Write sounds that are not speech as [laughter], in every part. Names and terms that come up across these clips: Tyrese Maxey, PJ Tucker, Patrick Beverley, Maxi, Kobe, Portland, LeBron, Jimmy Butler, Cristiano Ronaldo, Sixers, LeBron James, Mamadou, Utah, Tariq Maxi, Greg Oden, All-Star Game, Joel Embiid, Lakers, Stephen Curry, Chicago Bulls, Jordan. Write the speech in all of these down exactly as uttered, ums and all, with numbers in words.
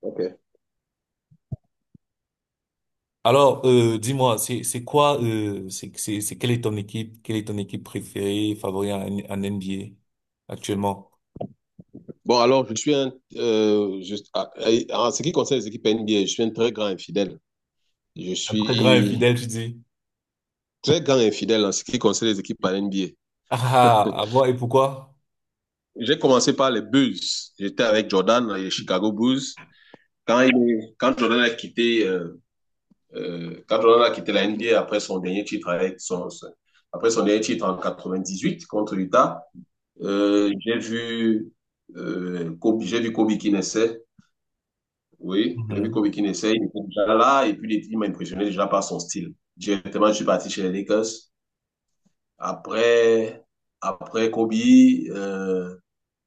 Ok. Alors, euh, dis-moi, c'est c'est quoi, euh, c'est c'est c'est quelle est ton équipe, quelle est ton équipe préférée, favorite en, en N B A actuellement? Bon, alors, je suis un. Euh, je- ah, eh, en ce qui concerne les équipes N B A, je suis un très grand infidèle. Je Un très grand suis infidèle, tu dis. très grand infidèle en ce qui concerne les équipes par N B A. Ah, ah [laughs] bon, et pourquoi? J'ai commencé par les Bulls. J'étais avec Jordan, les Chicago Bulls. Quand, il- quand Jordan a quitté, euh, euh, Quand Jordan a quitté la N B A après son dernier titre avec son, son- après son dernier titre en quatre-vingt-dix-huit contre Utah. euh, j'ai vu, euh, Kobe, j'ai vu Kobe qui naissait. Oui, j'ai vu Mhm. Kobe Keane essaye, il était déjà là, et puis il m'a impressionné déjà par son style. Directement, je suis parti chez les Lakers. Après, après Kobe, euh,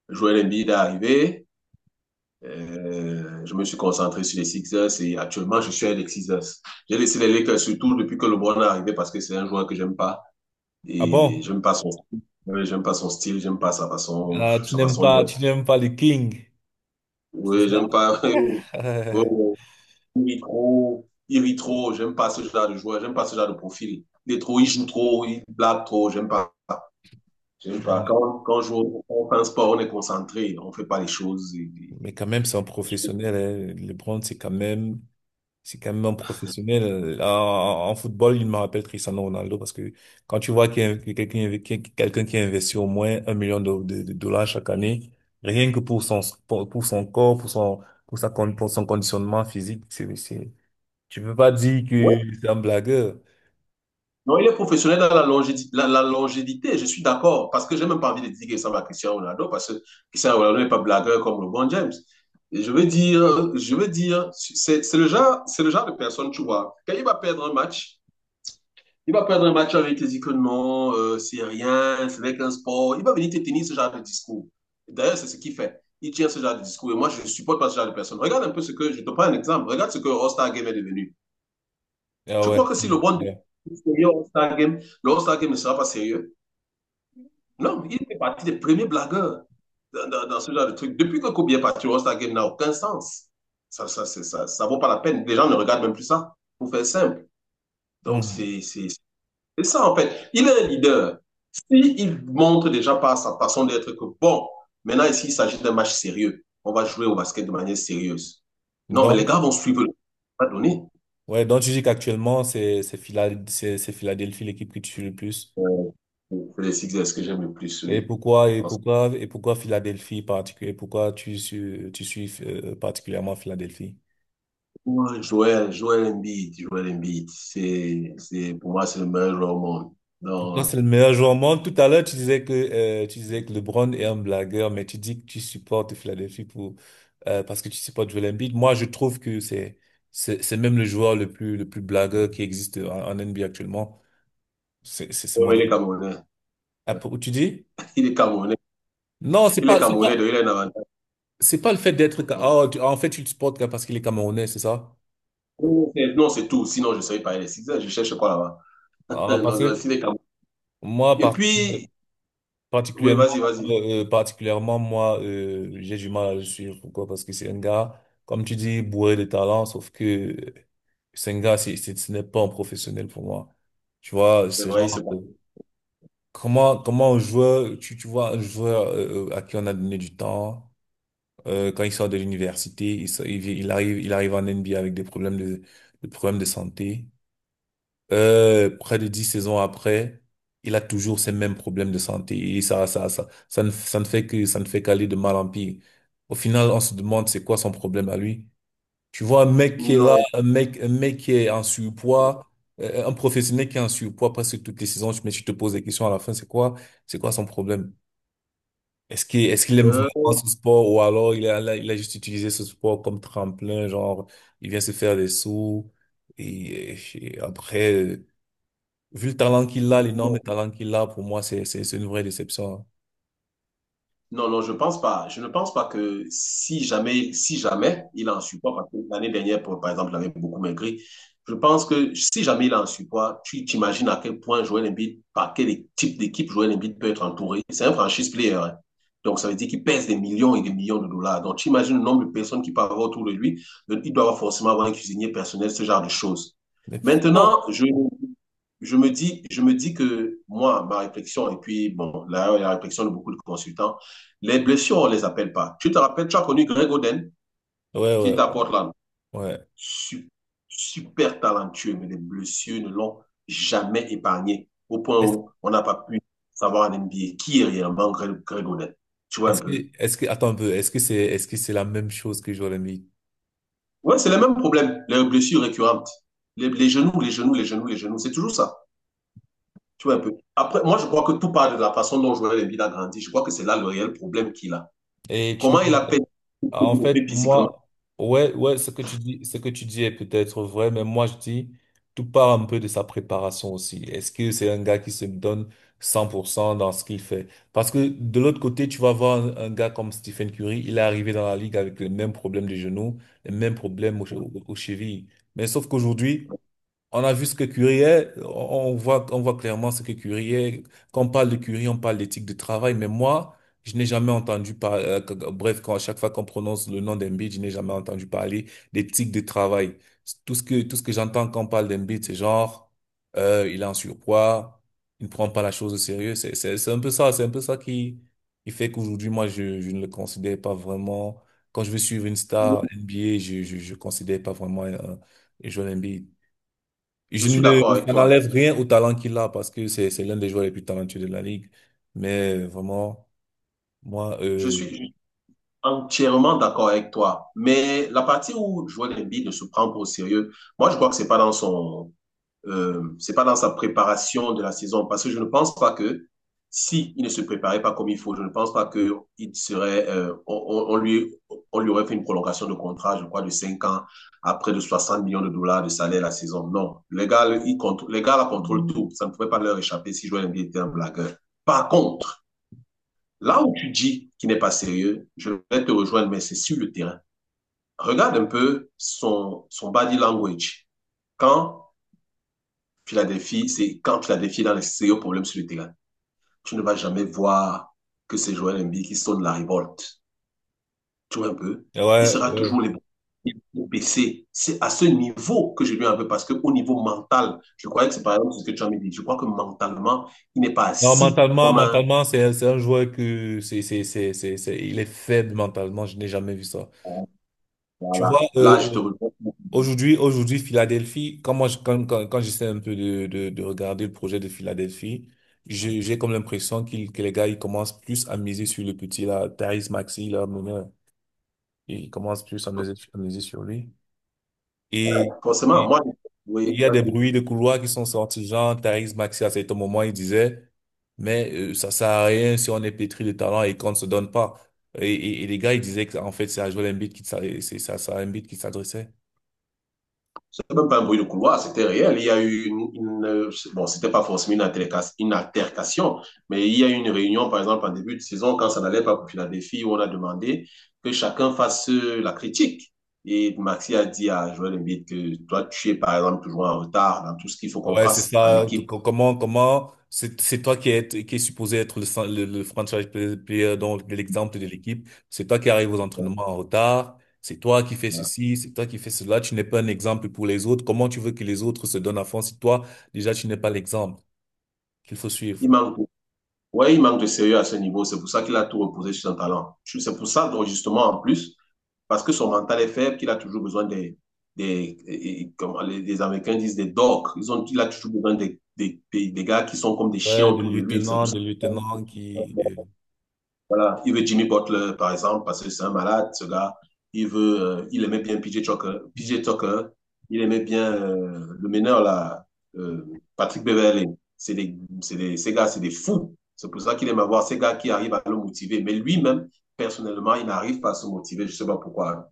Joel Embiid est arrivé. Euh, je me suis concentré sur les Sixers et actuellement, je suis avec les Sixers. J'ai laissé les Lakers surtout depuis que LeBron est arrivé parce que c'est un joueur que j'aime pas Ah et bon? j'aime pas son style. Ouais, j'aime pas son style, j'aime pas sa façon, Ah, tu sa n'aimes façon pas, d'être. tu n'aimes pas les Kings, c'est Oui, j'aime ça? pas. [laughs] Ouais, [laughs] il est trop, il rit trop, j'aime pas ce genre de joueur, j'aime pas ce genre de profil. Il est trop, il joue trop, il blague trop, j'aime pas. J'aime pas. Ouais. Quand, quand on joue, on fait un sport, on est concentré, on fait pas les choses. et- Mais quand même, c'est un et- professionnel. Hein. LeBron, c'est quand même C'est quand même un professionnel. Euh, En, en football, il me rappelle Cristiano Ronaldo parce que quand tu vois qu'il y a que quelqu'un qui- quelqu'un qui investit au moins un million de, de- de dollars chaque année, rien que pour son pour, pour son corps, pour son pour sa con- pour son conditionnement physique, c'est c'est tu peux pas dire Ouais. que c'est un blagueur. Non, il est professionnel dans la longé, la, la longévité, je suis d'accord, parce que j'ai même pas envie de dire qu'il ressemble à Cristiano Ronaldo, parce que Cristiano Ronaldo n'est pas blagueur comme LeBron James. Et je veux dire, je veux dire, c'est c'est le genre, c'est le genre de personne, tu vois, quand il va perdre un match. Il va perdre un match avec les icônes, non, euh, c'est rien, c'est avec un sport. Il va venir te tenir ce genre de discours. D'ailleurs, c'est ce qu'il fait. Il tient ce genre de discours et moi, je ne supporte pas ce genre de personne. Regarde un peu ce que, je te prends un exemple, regarde ce que le All-Star Game est devenu. Ah Je ouais. crois que si Ouais. le bon Ouais. sérieux All-Star Game, le All-Star Game ne sera pas sérieux. Non, il fait partie des premiers blagueurs dans, dans- dans ce genre de truc. Depuis que Kobe est parti, le All-Star Game n'a aucun sens. Ça, ne ça, c'est- ça, ça vaut pas la peine. Les gens ne regardent même plus ça, pour faire simple. Donc, Mhm. c'est c'est- C'est ça, en fait. Il est un leader. S'il montre déjà par sa façon d'être que, bon, maintenant, ici, il s'agit d'un match sérieux. On va jouer au basket de manière sérieuse. Non, mais les Donc gars vont suivre. Le- On va ouais, donc tu dis qu'actuellement c'est c'est Phila- c'est c'est Philadelphie l'équipe qui tue le plus. Euh, C'est les Sixers que j'aime le plus, Et oui. pourquoi, et Parce que, pourquoi, et pourquoi Philadelphie particulier? Pourquoi tu, suis- tu suis euh, particulièrement Philadelphie? ouais, Joel, Joel Embiid, Joel Embiid, c'est, c'est, pour moi, c'est le meilleur joueur au monde. Pour toi, c'est Non, le meilleur joueur au monde. Tout à l'heure, tu disais que, euh, tu disais que LeBron est un blagueur, mais tu dis que tu supportes Philadelphie pour, euh, parce que tu supportes Joel Embiid. Moi, je trouve que c'est, c'est, c'est même le joueur le plus, le plus blagueur qui existe en, en N B A actuellement. C'est, c'est, c'est ouais, mon mais il est avis. Camerounais. Ah, pour- tu dis? Il est Camerounais. Non, c'est Il est pas, c'est Camerounais, pas, donc il a un avantage. c'est pas le fait d'être, ca- oh, tu- en fait, tu le supportes parce qu'il est camerounais, c'est ça? Non, c'est non, c'est tout. Sinon, je ne serais pas les Sixers. Je cherche quoi là-bas? [laughs] Ah, parce Non, que, s'il est Camerounais. moi, Et par. puis, oui, Particulièrement, vas-y, vas-y. euh, euh, particulièrement moi, euh, j'ai du mal à le suivre. Pourquoi? Parce que c'est un gars, comme tu dis, bourré de talent, sauf que euh, c'est un gars, c'est, c'est- ce n'est pas un professionnel pour moi. Tu vois, C'est c'est vrai, genre, c'est bon. euh, comment, comment un joueur, tu, tu vois, un joueur euh, euh, à qui on a donné du temps, euh, quand il sort de l'université, il, sort- il, vient- il arrive, il arrive en N B A avec des problèmes de, des problèmes de santé. Euh, près de dix saisons après, il a toujours ces mêmes problèmes de santé. Et ça, ça, ça, ça ne, ça ne fait que, ça ne fait qu'aller de mal en pire. Au final, on se demande c'est quoi son problème à lui. Tu vois, un mec qui est là, Non, un mec, un mec qui est en surpoids, euh, un professionnel qui est en surpoids presque toutes les saisons, mais tu te poses des questions à la fin, c'est quoi, c'est quoi son problème? Est-ce qu'il, est-ce qu'il aime euh, vraiment ce sport ou alors il a, il a juste utilisé ce sport comme tremplin, genre, il vient se faire des sous et, et après, vu le talent qu'il a, l'énorme non. talent qu'il a, pour moi, c'est, c'est, c'est une vraie déception. Hein. Non, non, je pense pas. Je ne pense pas que si jamais, si jamais il est en surpoids, parce que l'année dernière, pour- par exemple, il avait beaucoup maigri. Je pense que si jamais il est en surpoids, tu t'imagines à quel point Joel Embiid, par quel type d'équipe Joel Embiid peut être entouré. C'est un franchise player. Hein. Donc, ça veut dire qu'il pèse des millions et des millions de dollars. Donc, tu imagines le nombre de personnes qui peuvent avoir autour de lui. Donc, il doit avoir forcément avoir un cuisinier personnel, ce genre de choses. Mais pourquoi? Maintenant, je, je me dis, je me dis que moi, ma réflexion, et puis, bon, là, la réflexion de beaucoup de consultants, les blessures, on ne les appelle pas. Tu te rappelles, tu as connu Greg Oden, Ouais, qui est ouais, à ouais. Portland. Ouais. Su- Super, talentueux, mais les blessures ne l'ont jamais épargné, au point Est-ce, où on n'a pas pu savoir en N B A qui est réellement Greg, Greg Oden. Tu vois un est-ce que, peu? est-ce que, attends un peu, est-ce que c'est, est-ce que c'est la même chose que Joel Embiid? Ouais, c'est le même problème, les blessures récurrentes. Les, les genoux, les genoux, les genoux, les genoux, c'est toujours ça. Tu vois un peu? Après, moi, je crois que tout part de la façon dont Joel Embiid a grandi. Je crois que c'est là le réel problème qu'il a. Et tu ne Comment il a payé En fait, physiquement? moi, ouais, ouais, ce que tu dis, ce que tu dis est peut-être vrai, mais moi je dis, tout part un peu de sa préparation aussi. Est-ce que c'est un gars qui se donne cent pour cent dans ce qu'il fait? Parce que de l'autre côté, tu vas voir un, un gars comme Stephen Curry, il est arrivé dans la ligue avec les mêmes problèmes de genoux, les mêmes problèmes aux, che- aux chevilles. Mais sauf qu'aujourd'hui, on a vu ce que Curie est, on on voit, on voit clairement ce que Curie est. Quand on parle de Curie, on parle d'éthique de travail, mais moi, je n'ai jamais entendu parler, euh, que- que- bref, quand à chaque fois qu'on prononce le nom d'Embiid, je n'ai jamais entendu parler d'éthique de travail. Tout ce que, tout ce que j'entends quand on parle d'Embiid, c'est genre, euh, il est en surpoids, il ne prend pas la chose au sérieux. C'est, c'est, c'est un peu ça, c'est un peu ça, qui, qui fait qu'aujourd'hui, moi, je, je ne le considère pas vraiment. Quand je veux suivre une star N B A, je, je, je considère pas vraiment un, un joueur N B A. Je Je suis d'accord ne, avec Ça toi. n'enlève rien au talent qu'il a parce que c'est, c'est l'un des joueurs les plus talentueux de la ligue. Mais vraiment, moi, Je euh, suis, Entièrement d'accord avec toi. Mais la partie où Joel Embiid ne se prend pas au sérieux, moi, je crois que c'est pas dans son, euh, c'est pas dans sa préparation de la saison. Parce que je ne pense pas que si il ne se préparait pas comme il faut, je ne pense pas que il serait, euh, on, on- lui, on lui aurait fait une prolongation de contrat, je crois, de cinq ans à près de soixante millions de dollars de salaire la saison. Non. Les gars, ils contrôlent, les gars, la contrôlent tout. Ça ne pouvait pas leur échapper si Joel Embiid était un blagueur. Par contre, là où tu dis qu'il n'est pas sérieux, je vais te rejoindre, mais c'est sur le terrain. Regarde un peu son, son, body language. Quand Philadelphie, c'est quand Philadelphie est dans les sérieux problèmes sur le terrain, tu ne vas jamais voir que c'est Joel Embiid qui sonne la révolte. Tu vois un peu? Il ouais, sera toujours ouais. les baissé. C'est à ce niveau que je lui en veux parce qu'au niveau mental, je croyais que c'est par exemple ce que tu as dit. Je crois que mentalement, il n'est pas Non, assis mentalement, comme un. mentalement, c'est, c'est un joueur que c'est, c'est, c'est, c'est, c'est- il est faible mentalement. Je n'ai jamais vu ça. Tu vois, Voilà. euh, Là, je te euh, rejoins. aujourd'hui, aujourd'hui, Philadelphie, quand moi, je- quand, quand, quand j'essaie un peu de, de, de regarder le projet de Philadelphie, j'ai, j'ai comme l'impression qu'il, que les gars, ils commencent plus à miser sur le petit, là, Tyrese Maxey, là, mon gars. Ils commencent plus à miser, à miser sur lui. Et Forcément, il moi, oui, il y a là, des je bruits de couloirs qui sont sortis, genre Tariq Maxi à certain moment, il disait, mais euh, ça sert à rien si on est pétri de talent et qu'on ne se donne pas. Et, et- et les gars, ils disaient que en fait, c'est à Joel Embiid qui s'ad- c'est c'est à Joel Embiid qui s'adressait. même pas un bruit de couloir, c'était réel. Il y a eu une, une bon, c'était pas forcément une altercation, une altercation, mais il y a eu une réunion, par exemple, en début de saison, quand ça n'allait pas pour Philadelphie, où on a demandé que chacun fasse la critique. Et Maxi a dit à Joël Embiid que toi, tu es, par exemple, toujours en retard dans tout ce qu'il faut qu'on Ouais, c'est fasse en ça. Donc, équipe. co- Comment, comment, c'est c'est toi qui es, qui est supposé être le, cen- le, le franchise play- player, donc de l'exemple de l'équipe. C'est toi qui arrives aux entraînements en retard. C'est toi qui fais ceci, c'est toi qui fais cela. Tu n'es pas un exemple pour les autres. Comment tu veux que les autres se donnent à fond si toi, déjà, tu n'es pas l'exemple qu'il faut suivre? Il manque, ouais, il manque de sérieux à ce niveau. C'est pour ça qu'il a tout reposé sur son talent. C'est pour ça, donc, justement, en plus, parce que son mental est faible, qu'il a toujours besoin des, des, comment les Américains disent, des dogs. Ils ont, il a toujours besoin des, des, des, gars qui sont comme des chiens Ouais, de autour de lui. C'est pour lieutenant, ça de lieutenant qui, euh, voilà. Il veut Jimmy Butler, par exemple, parce que c'est un malade, ce gars. Il veut, euh, il aimait bien P J Tucker. P J Tucker, il aimait bien euh, le meneur, là, euh, Patrick Beverley. C'est des, c'est des, ces gars, c'est des fous. C'est pour ça qu'il aime avoir ces gars qui arrivent à le motiver. Mais lui-même, personnellement, il n'arrive pas à se motiver. Je ne sais pas pourquoi. Hein.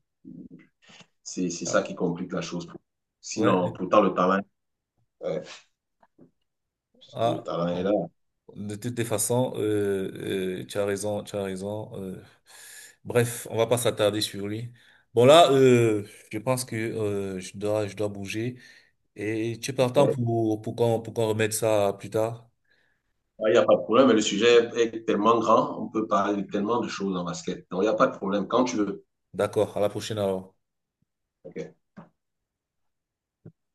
C'est c'est ça Ah, qui complique la chose. ouais, Sinon, pourtant, le talent, euh, le ah, talent est là. bon. De toutes les façons, euh, euh, tu as raison, tu as raison. euh. Bref, on va pas s'attarder sur lui. Bon là, euh, je pense que euh, je dois, je dois bouger. Et tu es partant Ouais, pour pour qu'on pour qu'on remette ça plus tard. il n'y a pas de problème, mais le sujet est tellement grand, on peut parler de tellement de choses en basket. Donc, il n'y a pas de problème quand tu veux. D'accord, à la prochaine alors. Ok.